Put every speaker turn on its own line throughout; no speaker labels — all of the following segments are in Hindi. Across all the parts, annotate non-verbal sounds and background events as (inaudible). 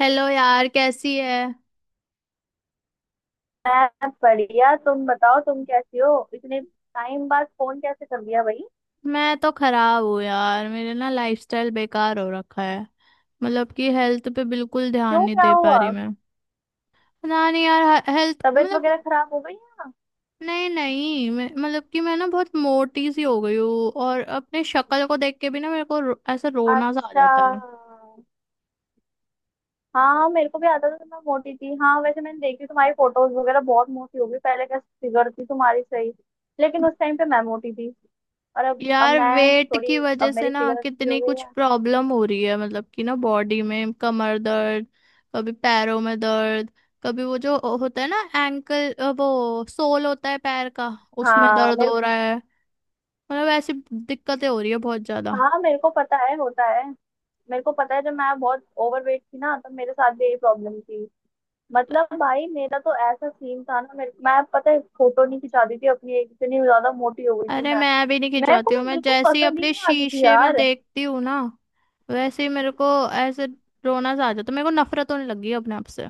हेलो यार, कैसी है।
मैं बढ़िया। तुम बताओ, तुम कैसी हो? इतने टाइम बाद फोन कैसे कर लिया भाई?
मैं तो खराब हूँ यार, मेरे ना लाइफस्टाइल बेकार हो रखा है। मतलब कि हेल्थ पे बिल्कुल ध्यान
क्यों
नहीं
क्या
दे पा
हुआ?
रही मैं। ना नहीं यार, हेल्थ
तबीयत
मतलब
वगैरह खराब हो गई है?
नहीं नहीं मतलब कि मैं ना बहुत मोटी सी हो गई हूँ, और अपने शक्ल को देख के भी ना मेरे को ऐसा रोना सा आ
अच्छा।
जाता है।
हाँ मेरे को भी आता था तो मैं मोटी थी। हाँ, वैसे मैंने देखी तुम्हारी फोटोज वगैरह, बहुत मोटी हो गई। पहले कैसे फिगर थी तुम्हारी, सही। लेकिन उस टाइम पे मैं मोटी थी। और अब
यार
मैं
वेट
थोड़ी,
की वजह
अब
से
मेरी
ना
फिगर अच्छी हो
कितनी
गई
कुछ
है।
प्रॉब्लम हो रही है। मतलब कि ना बॉडी में कमर दर्द, कभी पैरों में दर्द, कभी वो जो होता है ना एंकल, वो सोल होता है पैर का, उसमें
हाँ
दर्द
मेरे
हो रहा है। मतलब ऐसी दिक्कतें हो रही है बहुत ज्यादा।
हाँ मेरे को पता है, होता है। मेरे को पता है, जब मैं बहुत ओवरवेट थी ना, तब मेरे साथ भी यही प्रॉब्लम थी। मतलब भाई मेरा तो ऐसा सीन था ना, मेरे मैं पता है फोटो नहीं खिंचाती थी अपनी, एक इतनी ज्यादा मोटी हो गई थी
अरे
मैं।
मैं भी नहीं
मेरे को
खिंचवाती हूँ,
मैं
मैं
बिल्कुल
जैसे ही
पसंद ही
अपने
नहीं आती थी
शीशे में
यार।
देखती हूँ ना, वैसे ही मेरे को ऐसे रोना सा आ जाता है। मेरे को नफरत होने लगी है अपने आप से।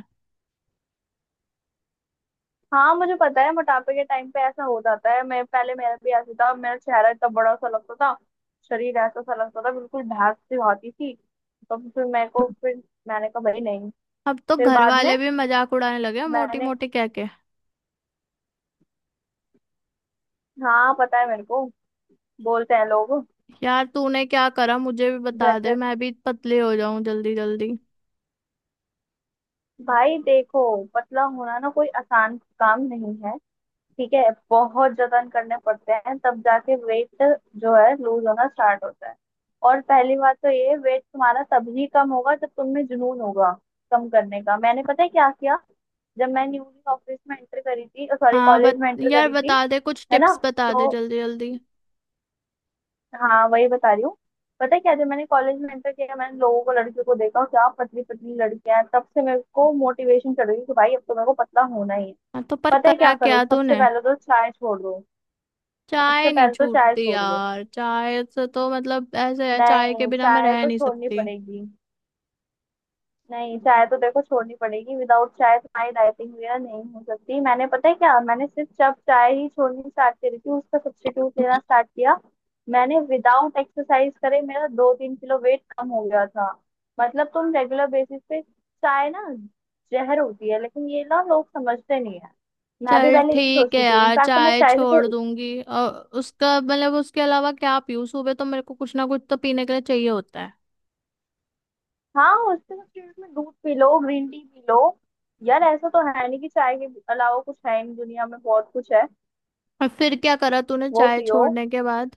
हाँ मुझे पता है, मोटापे के टाइम पे ऐसा हो जाता है। मैं पहले, मेरा भी ऐसे था, मेरा चेहरा इतना बड़ा सा लगता था। शरीर ऐसा सा लगता था, बिल्कुल भैंस सी होती थी। तो फिर मेरे को फिर, मैंने कहा भाई नहीं।
अब तो
फिर
घर
बाद में,
वाले भी मजाक उड़ाने लगे हैं, मोटी
मैंने,
मोटी कह के।
हाँ पता है मेरे को, बोलते हैं लोग,
यार तूने क्या करा, मुझे भी
घर
बता दे,
पे।
मैं भी पतले हो जाऊं जल्दी जल्दी।
भाई देखो, पतला होना ना कोई आसान काम नहीं है। ठीक है। बहुत जतन करने पड़ते हैं तब जाके वेट जो है लूज होना स्टार्ट होता है। और पहली बात तो ये, वेट तुम्हारा तभी कम होगा जब तुम में जुनून होगा कम करने का। मैंने पता है क्या किया, जब मैं न्यूली ऑफिस में एंटर करी थी, सॉरी
हाँ
कॉलेज
बत
में एंटर
यार,
करी थी।
बता दे कुछ
है ना?
टिप्स, बता दे
तो,
जल्दी जल्दी।
हाँ वही बता रही हूँ। पता है क्या, जब मैंने कॉलेज में एंटर किया, मैंने लोगों को, लड़कियों को देखा, क्या पतली पतली लड़कियां हैं। तब से मेरे को मोटिवेशन चढ़ गई कि भाई अब तो मेरे को पतला होना ही है।
हाँ तो पर
पता है क्या
करा
करो,
क्या
सबसे
तूने।
पहले तो चाय छोड़ दो।
चाय
सबसे
नहीं
पहले तो चाय
छूटती
छोड़ दो।
यार, चाय से तो मतलब ऐसे है, चाय के
नहीं
बिना मैं
चाय
रह
तो
नहीं
छोड़नी
सकती।
पड़ेगी। नहीं चाय तो देखो छोड़नी पड़ेगी, विदाउट चाय तुम्हारी डाइटिंग वगैरह नहीं हो सकती। मैंने पता है क्या, मैंने सिर्फ जब चाय ही छोड़नी स्टार्ट करी थी, उसका सब्स्टिट्यूट लेना स्टार्ट किया। मैंने विदाउट एक्सरसाइज करे मेरा 2-3 किलो वेट कम हो गया था। मतलब तुम रेगुलर बेसिस पे चाय ना जहर होती है, लेकिन ये ना लोग समझते नहीं है। मैं भी
चल
पहले यही
ठीक है
सोचती थी,
यार,
इनफैक्ट मैं
चाय
चाय से तो,
छोड़ दूंगी। और उसका मतलब उसके अलावा क्या पीऊँ, सुबह तो मेरे को कुछ ना कुछ तो पीने के लिए चाहिए होता है।
हाँ उसके सब्स्टिट्यूट में दूध पी लो, ग्रीन टी पी लो। यार ऐसा तो है नहीं कि चाय के अलावा कुछ है ही नहीं, दुनिया में बहुत कुछ है।
और फिर क्या करा तूने
वो
चाय
पियो।
छोड़ने के बाद।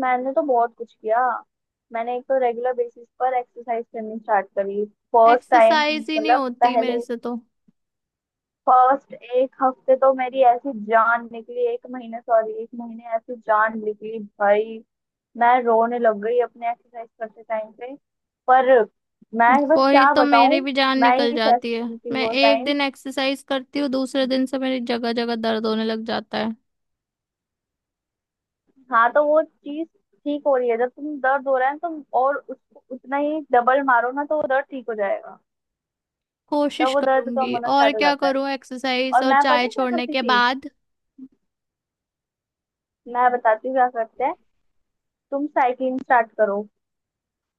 मैंने तो बहुत कुछ किया। मैंने एक तो रेगुलर बेसिस पर एक्सरसाइज करनी स्टार्ट करी। फर्स्ट टाइम
एक्सरसाइज ही नहीं
मतलब
होती मेरे
पहले,
से तो।
फर्स्ट एक हफ्ते तो मेरी ऐसी जान निकली, एक महीने सॉरी, एक महीने ऐसी जान निकली भाई। मैं रोने लग गई अपने एक्सरसाइज करते टाइम पे, पर मैं बस
वही
क्या
तो मेरी
बताऊं,
भी जान
मैं
निकल
ही सह
जाती है।
सकती थी
मैं
वो।
एक दिन एक्सरसाइज करती हूँ, दूसरे दिन से मेरी जगह जगह दर्द होने लग जाता है।
हाँ तो वो चीज ठीक हो रही है, जब तुम दर्द हो रहा है तुम और उसको उतना ही डबल मारो ना तो वो दर्द ठीक हो जाएगा। तब
कोशिश
वो दर्द कम
करूंगी,
होना
और
स्टार्ट हो
क्या
जाता है।
करूँ एक्सरसाइज
और
और
मैं पता
चाय
है क्या
छोड़ने
करती
के
थी,
बाद।
मैं बताती हूँ क्या करते हैं। तुम साइकिलिंग स्टार्ट करो,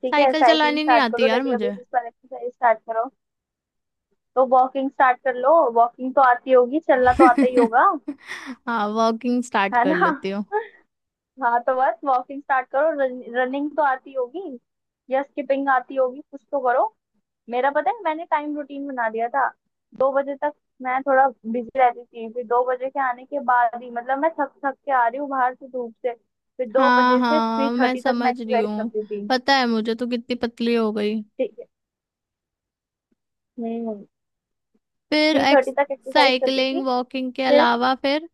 ठीक है,
साइकिल
साइकिलिंग
चलानी नहीं
स्टार्ट
आती
करो,
यार
रेगुलर
मुझे।
बेसिस पर एक्सरसाइज स्टार्ट करो। तो वॉकिंग स्टार्ट कर लो, वॉकिंग तो आती होगी, चलना तो आता ही
(laughs)
होगा।
हाँ, वॉकिंग स्टार्ट
है
कर
ना?
लेती हूँ।
हाँ तो बस वॉकिंग स्टार्ट करो, रनिंग तो आती होगी, या स्किपिंग आती होगी, कुछ तो करो। मेरा पता है, मैंने टाइम रूटीन बना दिया था। 2 बजे तक मैं थोड़ा बिजी रहती थी, फिर 2 बजे के आने के बाद ही, मतलब मैं थक थक के आ रही हूँ बाहर से, धूप से। फिर दो
हाँ
बजे से थ्री
हाँ, मैं
थर्टी तक मैं
समझ रही
एक्सरसाइज
हूँ।
करती थी।
पता है मुझे तो कितनी पतली हो गई।
ठीक है। हम्म।
फिर
3:30
एक्स
तक एक्सरसाइज करती थी।
साइकिलिंग वॉकिंग के
फिर,
अलावा फिर।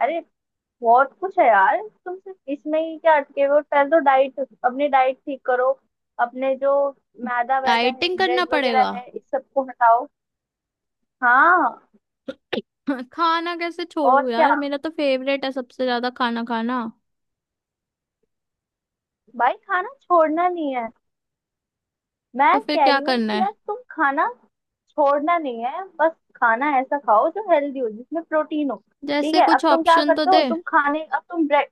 अरे, बहुत कुछ है यार। तुम सिर्फ इसमें ही क्या अटके हुए हो, पहले तो डाइट, अपनी डाइट ठीक करो। अपने जो मैदा वैदा है,
डाइटिंग करना
ब्रेड वगैरह
पड़ेगा।
है, इस सबको हटाओ। हाँ,
(laughs) हाँ, खाना कैसे
और
छोड़ू
क्या।
यार, मेरा तो फेवरेट है सबसे ज्यादा खाना खाना।
भाई खाना छोड़ना नहीं है।
तो
मैं
फिर
कह
क्या
रही हूँ
करना
कि
है,
यार तुम खाना छोड़ना नहीं है, बस खाना ऐसा खाओ जो हेल्दी हो, जिसमें प्रोटीन हो। ठीक
जैसे
है, अब
कुछ
तुम क्या
ऑप्शन तो
करते हो,
दे।
तुम खाने, अब तुम ब्रेक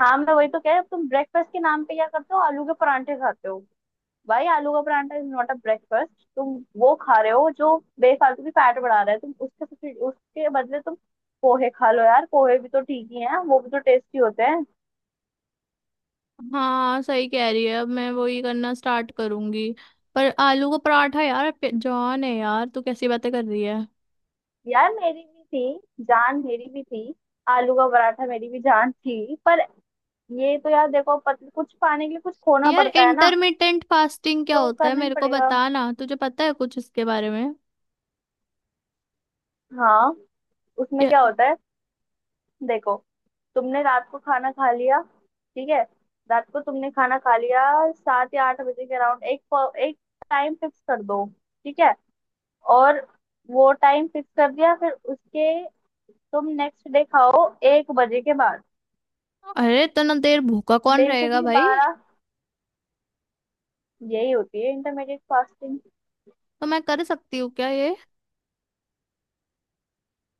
हाँ, मैं वही तो कह रही हूँ, अब तुम ब्रेकफास्ट के नाम पे क्या करते हो, आलू के परांठे खाते हो। भाई आलू का paratha is not a breakfast. तुम वो खा रहे हो जो बेफालतू की फैट बढ़ा रहा है, तुम उसके उसके बदले तुम पोहे खा लो यार, पोहे भी तो ठीक ही हैं, वो भी तो टेस्टी होते हैं।
हाँ सही कह रही है, अब मैं वही करना स्टार्ट करूंगी। पर आलू का पराठा यार जॉन है यार, तू कैसी बातें कर रही है।
यार मेरी भी थी, जान मेरी भी थी। आलू का पराठा मेरी भी जान थी, पर ये तो यार देखो कुछ पाने के लिए कुछ खोना
यार
पड़ता है ना,
इंटरमिटेंट फास्टिंग क्या
तो वो
होता है,
करना ही
मेरे को
पड़ेगा।
बता ना, तुझे पता है कुछ इसके बारे में।
हाँ, उसमें
क्या-
क्या होता है, देखो, तुमने रात को खाना खा लिया, ठीक है, रात को तुमने खाना खा लिया 7 या 8 बजे के अराउंड, एक एक टाइम फिक्स कर दो। ठीक है। और वो टाइम फिक्स कर दिया फिर उसके, तुम नेक्स्ट डे खाओ 1 बजे के बाद।
अरे इतना देर भूखा कौन रहेगा
बेसिकली
भाई।
12, यही होती है इंटरमीडिएट फास्टिंग।
तो मैं कर सकती हूँ क्या ये।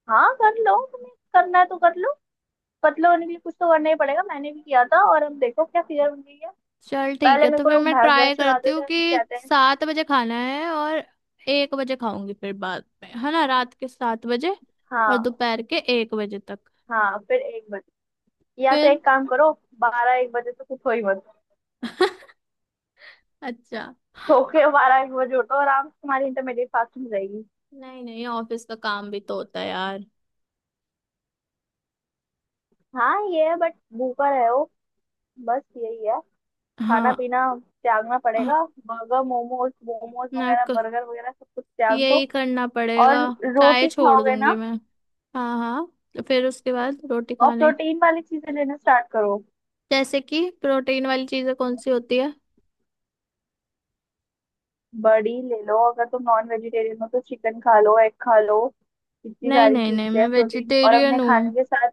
हाँ कर लो, तुम्हें करना है तो कर लो। पतला होने के लिए कुछ तो करना ही पड़ेगा, मैंने भी किया था और अब देखो क्या फिगर बन गई है।
चल ठीक
पहले
है,
मेरे
तो
को
फिर
लोग
मैं
भैंस
ट्राई
भैंस
करती
छुड़ाते
हूँ
थे,
कि
अब कहते हैं।
7 बजे खाना है और 1 बजे खाऊंगी। फिर बाद में है ना, रात के 7 बजे और
हाँ,
दोपहर के 1 बजे तक।
हाँ फिर 1 बजे, या तो
फिर
एक काम करो, 12-1 बजे तक उठो ही मत।
अच्छा,
सो के 12-1 बजे उठो आराम से, तुम्हारी इंटरमीडिएट फास्टिंग रहेगी।
नहीं नहीं, ऑफिस का काम भी तो होता है यार।
हाँ ये है बट भूखा रहो, बस यही है। खाना
हाँ
पीना त्यागना
हाँ,
पड़ेगा, बर्गर मोमोज मोमोज
ना
वगैरह,
क-
बर्गर वगैरह सब कुछ त्याग
यही
दो।
करना
और
पड़ेगा। चाय
रोटी
छोड़
खाओगे
दूंगी
ना,
मैं। हाँ हाँ, तो फिर उसके बाद रोटी
और
खाने।
प्रोटीन वाली चीजें लेना स्टार्ट करो।
जैसे कि प्रोटीन वाली चीजें कौन सी होती है।
बड़ी ले लो, अगर तुम नॉन वेजिटेरियन हो तो चिकन खा लो, एग खा लो। इतनी
नहीं
सारी
नहीं नहीं,
चीजें
मैं
हैं प्रोटीन और
वेजिटेरियन
अपने खाने
हूँ।
के साथ।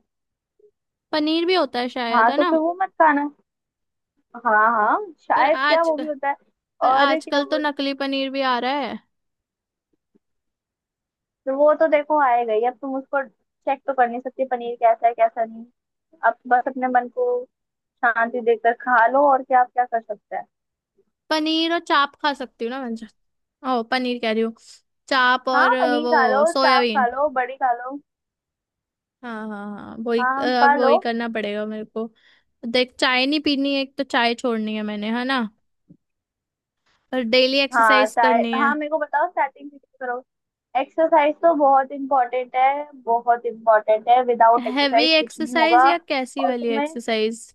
पनीर भी होता है शायद,
हाँ
है
तो
ना।
फिर वो मत खाना। हाँ हाँ
पर
शायद क्या,
आज
वो भी
पर
होता है। और क्या
आजकल तो
बोल।
नकली पनीर भी आ रहा है।
तो वो तो देखो आएगा ही, अब तुम उसको चेक तो कर नहीं सकते पनीर कैसा है कैसा नहीं। अब बस अपने मन को शांति देकर खा लो, और क्या आप क्या कर सकते हैं।
पनीर और चाप खा सकती हूँ ना मैं। ओ पनीर कह रही हूँ, चाप और
हाँ पनीर खा लो,
वो
चाप खा
सोयाबीन।
लो, बड़ी खा लो।
हाँ हाँ हाँ,
हाँ खा
अब
लो।
वही करना पड़ेगा मेरे को। देख, चाय नहीं पीनी है, एक तो चाय छोड़नी है मैंने, है ना। और डेली
हाँ
एक्सरसाइज
चाय,
करनी है।
हाँ मेरे को बताओ स्टार्टिंग से। एक्सरसाइज तो बहुत इम्पोर्टेंट है, बहुत इम्पोर्टेंट है, विदाउट
हैवी
एक्सरसाइज कुछ नहीं
एक्सरसाइज
होगा।
या कैसी
और
वाली
तुम्हें,
एक्सरसाइज।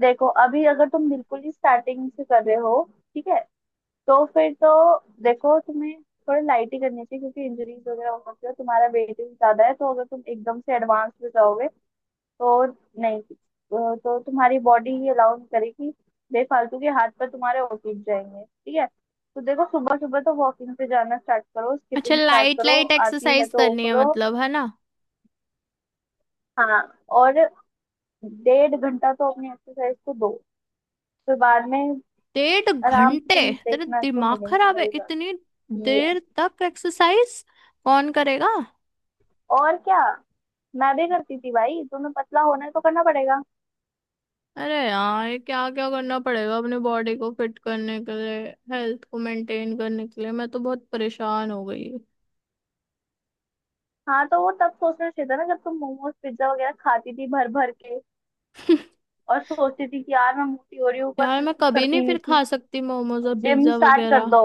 देखो अभी अगर तुम बिल्कुल ही स्टार्टिंग से कर रहे हो, ठीक है, तो फिर तो, देखो तुम्हें थोड़ा लाइट ही करनी चाहिए, क्योंकि इंजरीज वगैरह हो सकती है, तुम्हारा वेट भी ज्यादा है, तो अगर तुम एकदम से एडवांस में जाओगे तो, नहीं तो तुम्हारी बॉडी ही अलाउ नहीं करेगी। बेफालतू के हाथ पर तुम्हारे ओटीज जाएंगे, ठीक है। तो देखो सुबह सुबह तो वॉकिंग पे जाना स्टार्ट करो,
अच्छा,
स्किपिंग स्टार्ट
लाइट
करो,
लाइट
आती है
एक्सरसाइज
तो वो
करनी है
करो।
मतलब, है ना।
हाँ, और 1.5 घंटा तो अपनी एक्सरसाइज को दो, फिर बाद में
डेढ़
आराम से
घंटे?
तुम
तेरा
देखना, इसको
दिमाग
मिलेंगे
खराब है,
तुम्हें
इतनी
रिजल्ट। ये
देर तक एक्सरसाइज कौन करेगा।
और क्या, मैं भी करती थी भाई, तुम्हें पतला होना है तो करना पड़ेगा।
अरे यार, ये क्या क्या करना पड़ेगा अपनी बॉडी को फिट करने के लिए, हेल्थ को मेंटेन करने के लिए। मैं तो बहुत परेशान हो गई।
हाँ तो वो तब सोचना चाहिए था ना, जब तुम मोमोज पिज्जा वगैरह खाती थी भर भर के,
(laughs)
और सोचती थी कि यार मैं मोटी हो रही हूँ पर
यार
फिर
मैं
कुछ
कभी नहीं
करती नहीं
फिर
थी।
खा सकती मोमोज और
जिम
पिज्जा
स्टार्ट कर
वगैरह।
दो।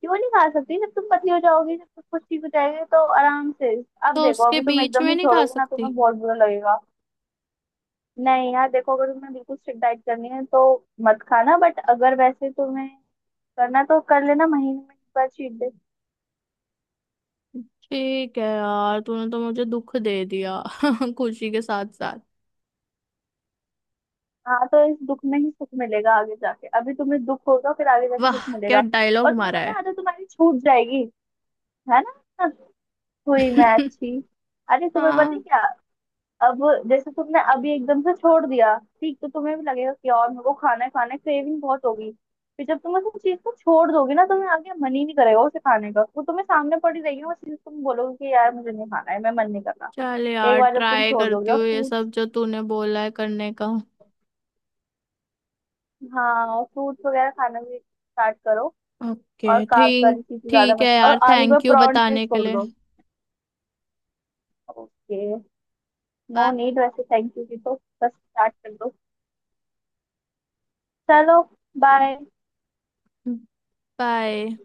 क्यों नहीं खा सकती, जब तुम पतली हो जाओगी, जब सब कुछ ठीक हो जाएगी तो आराम से। अब
तो
देखो
उसके
अभी तुम
बीच
एकदम
में
से
नहीं खा
छोड़ोगी ना
सकती।
तुम्हें बहुत बुरा लगेगा। नहीं यार देखो अगर तुम्हें बिल्कुल स्ट्रिक्ट डाइट करनी है तो मत खाना, बट अगर वैसे तुम्हें करना तो कर लेना महीने में एक बार चीट डे।
ठीक है यार, तूने तो मुझे दुख दे दिया। (laughs) खुशी के साथ साथ।
हाँ तो इस दुख में ही सुख मिलेगा आगे जाके, अभी तुम्हें दुख होगा फिर आगे जाके
वाह,
सुख
क्या
मिलेगा। और
डायलॉग
तुम्हें
मारा
पता
है।
है आदत तुम्हारी छूट जाएगी, है ना? हुई मैं
(laughs)
अच्छी? अरे तुम्हें पता है
हाँ।
क्या, अब जैसे तुमने अभी एकदम से छोड़ दिया, ठीक, तो तुम्हें भी लगेगा कि और मेरे को खाना है, खाना क्रेविंग बहुत होगी। फिर जब तुम उस चीज को छोड़ दोगे ना, तुम्हें आगे मन ही नहीं करेगा उसे खाने का, वो तुम्हें सामने पड़ी रहेगी ना वो चीज, तुम बोलोगे कि यार मुझे नहीं खाना है, मैं मन नहीं कर रहा।
चल
एक
यार,
बार जब तुम
ट्राई
छोड़ दोगे
करती
और
हूँ ये
फ्रूट्स,
सब जो तूने बोला है करने का।
हाँ और फ्रूट्स वगैरह खाना भी स्टार्ट करो।
ओके,
और कार्ब्स वाली
ठीक
चीजें ज्यादा
ठीक है
मत खाओ,
यार,
और आलू के
थैंक यू
परांठे
बताने के
छोड़
लिए।
दो। ओके। नो
बाय
नीड वैसे थैंक यू की तो, बस स्टार्ट कर दो। चलो, बाय।
बाय।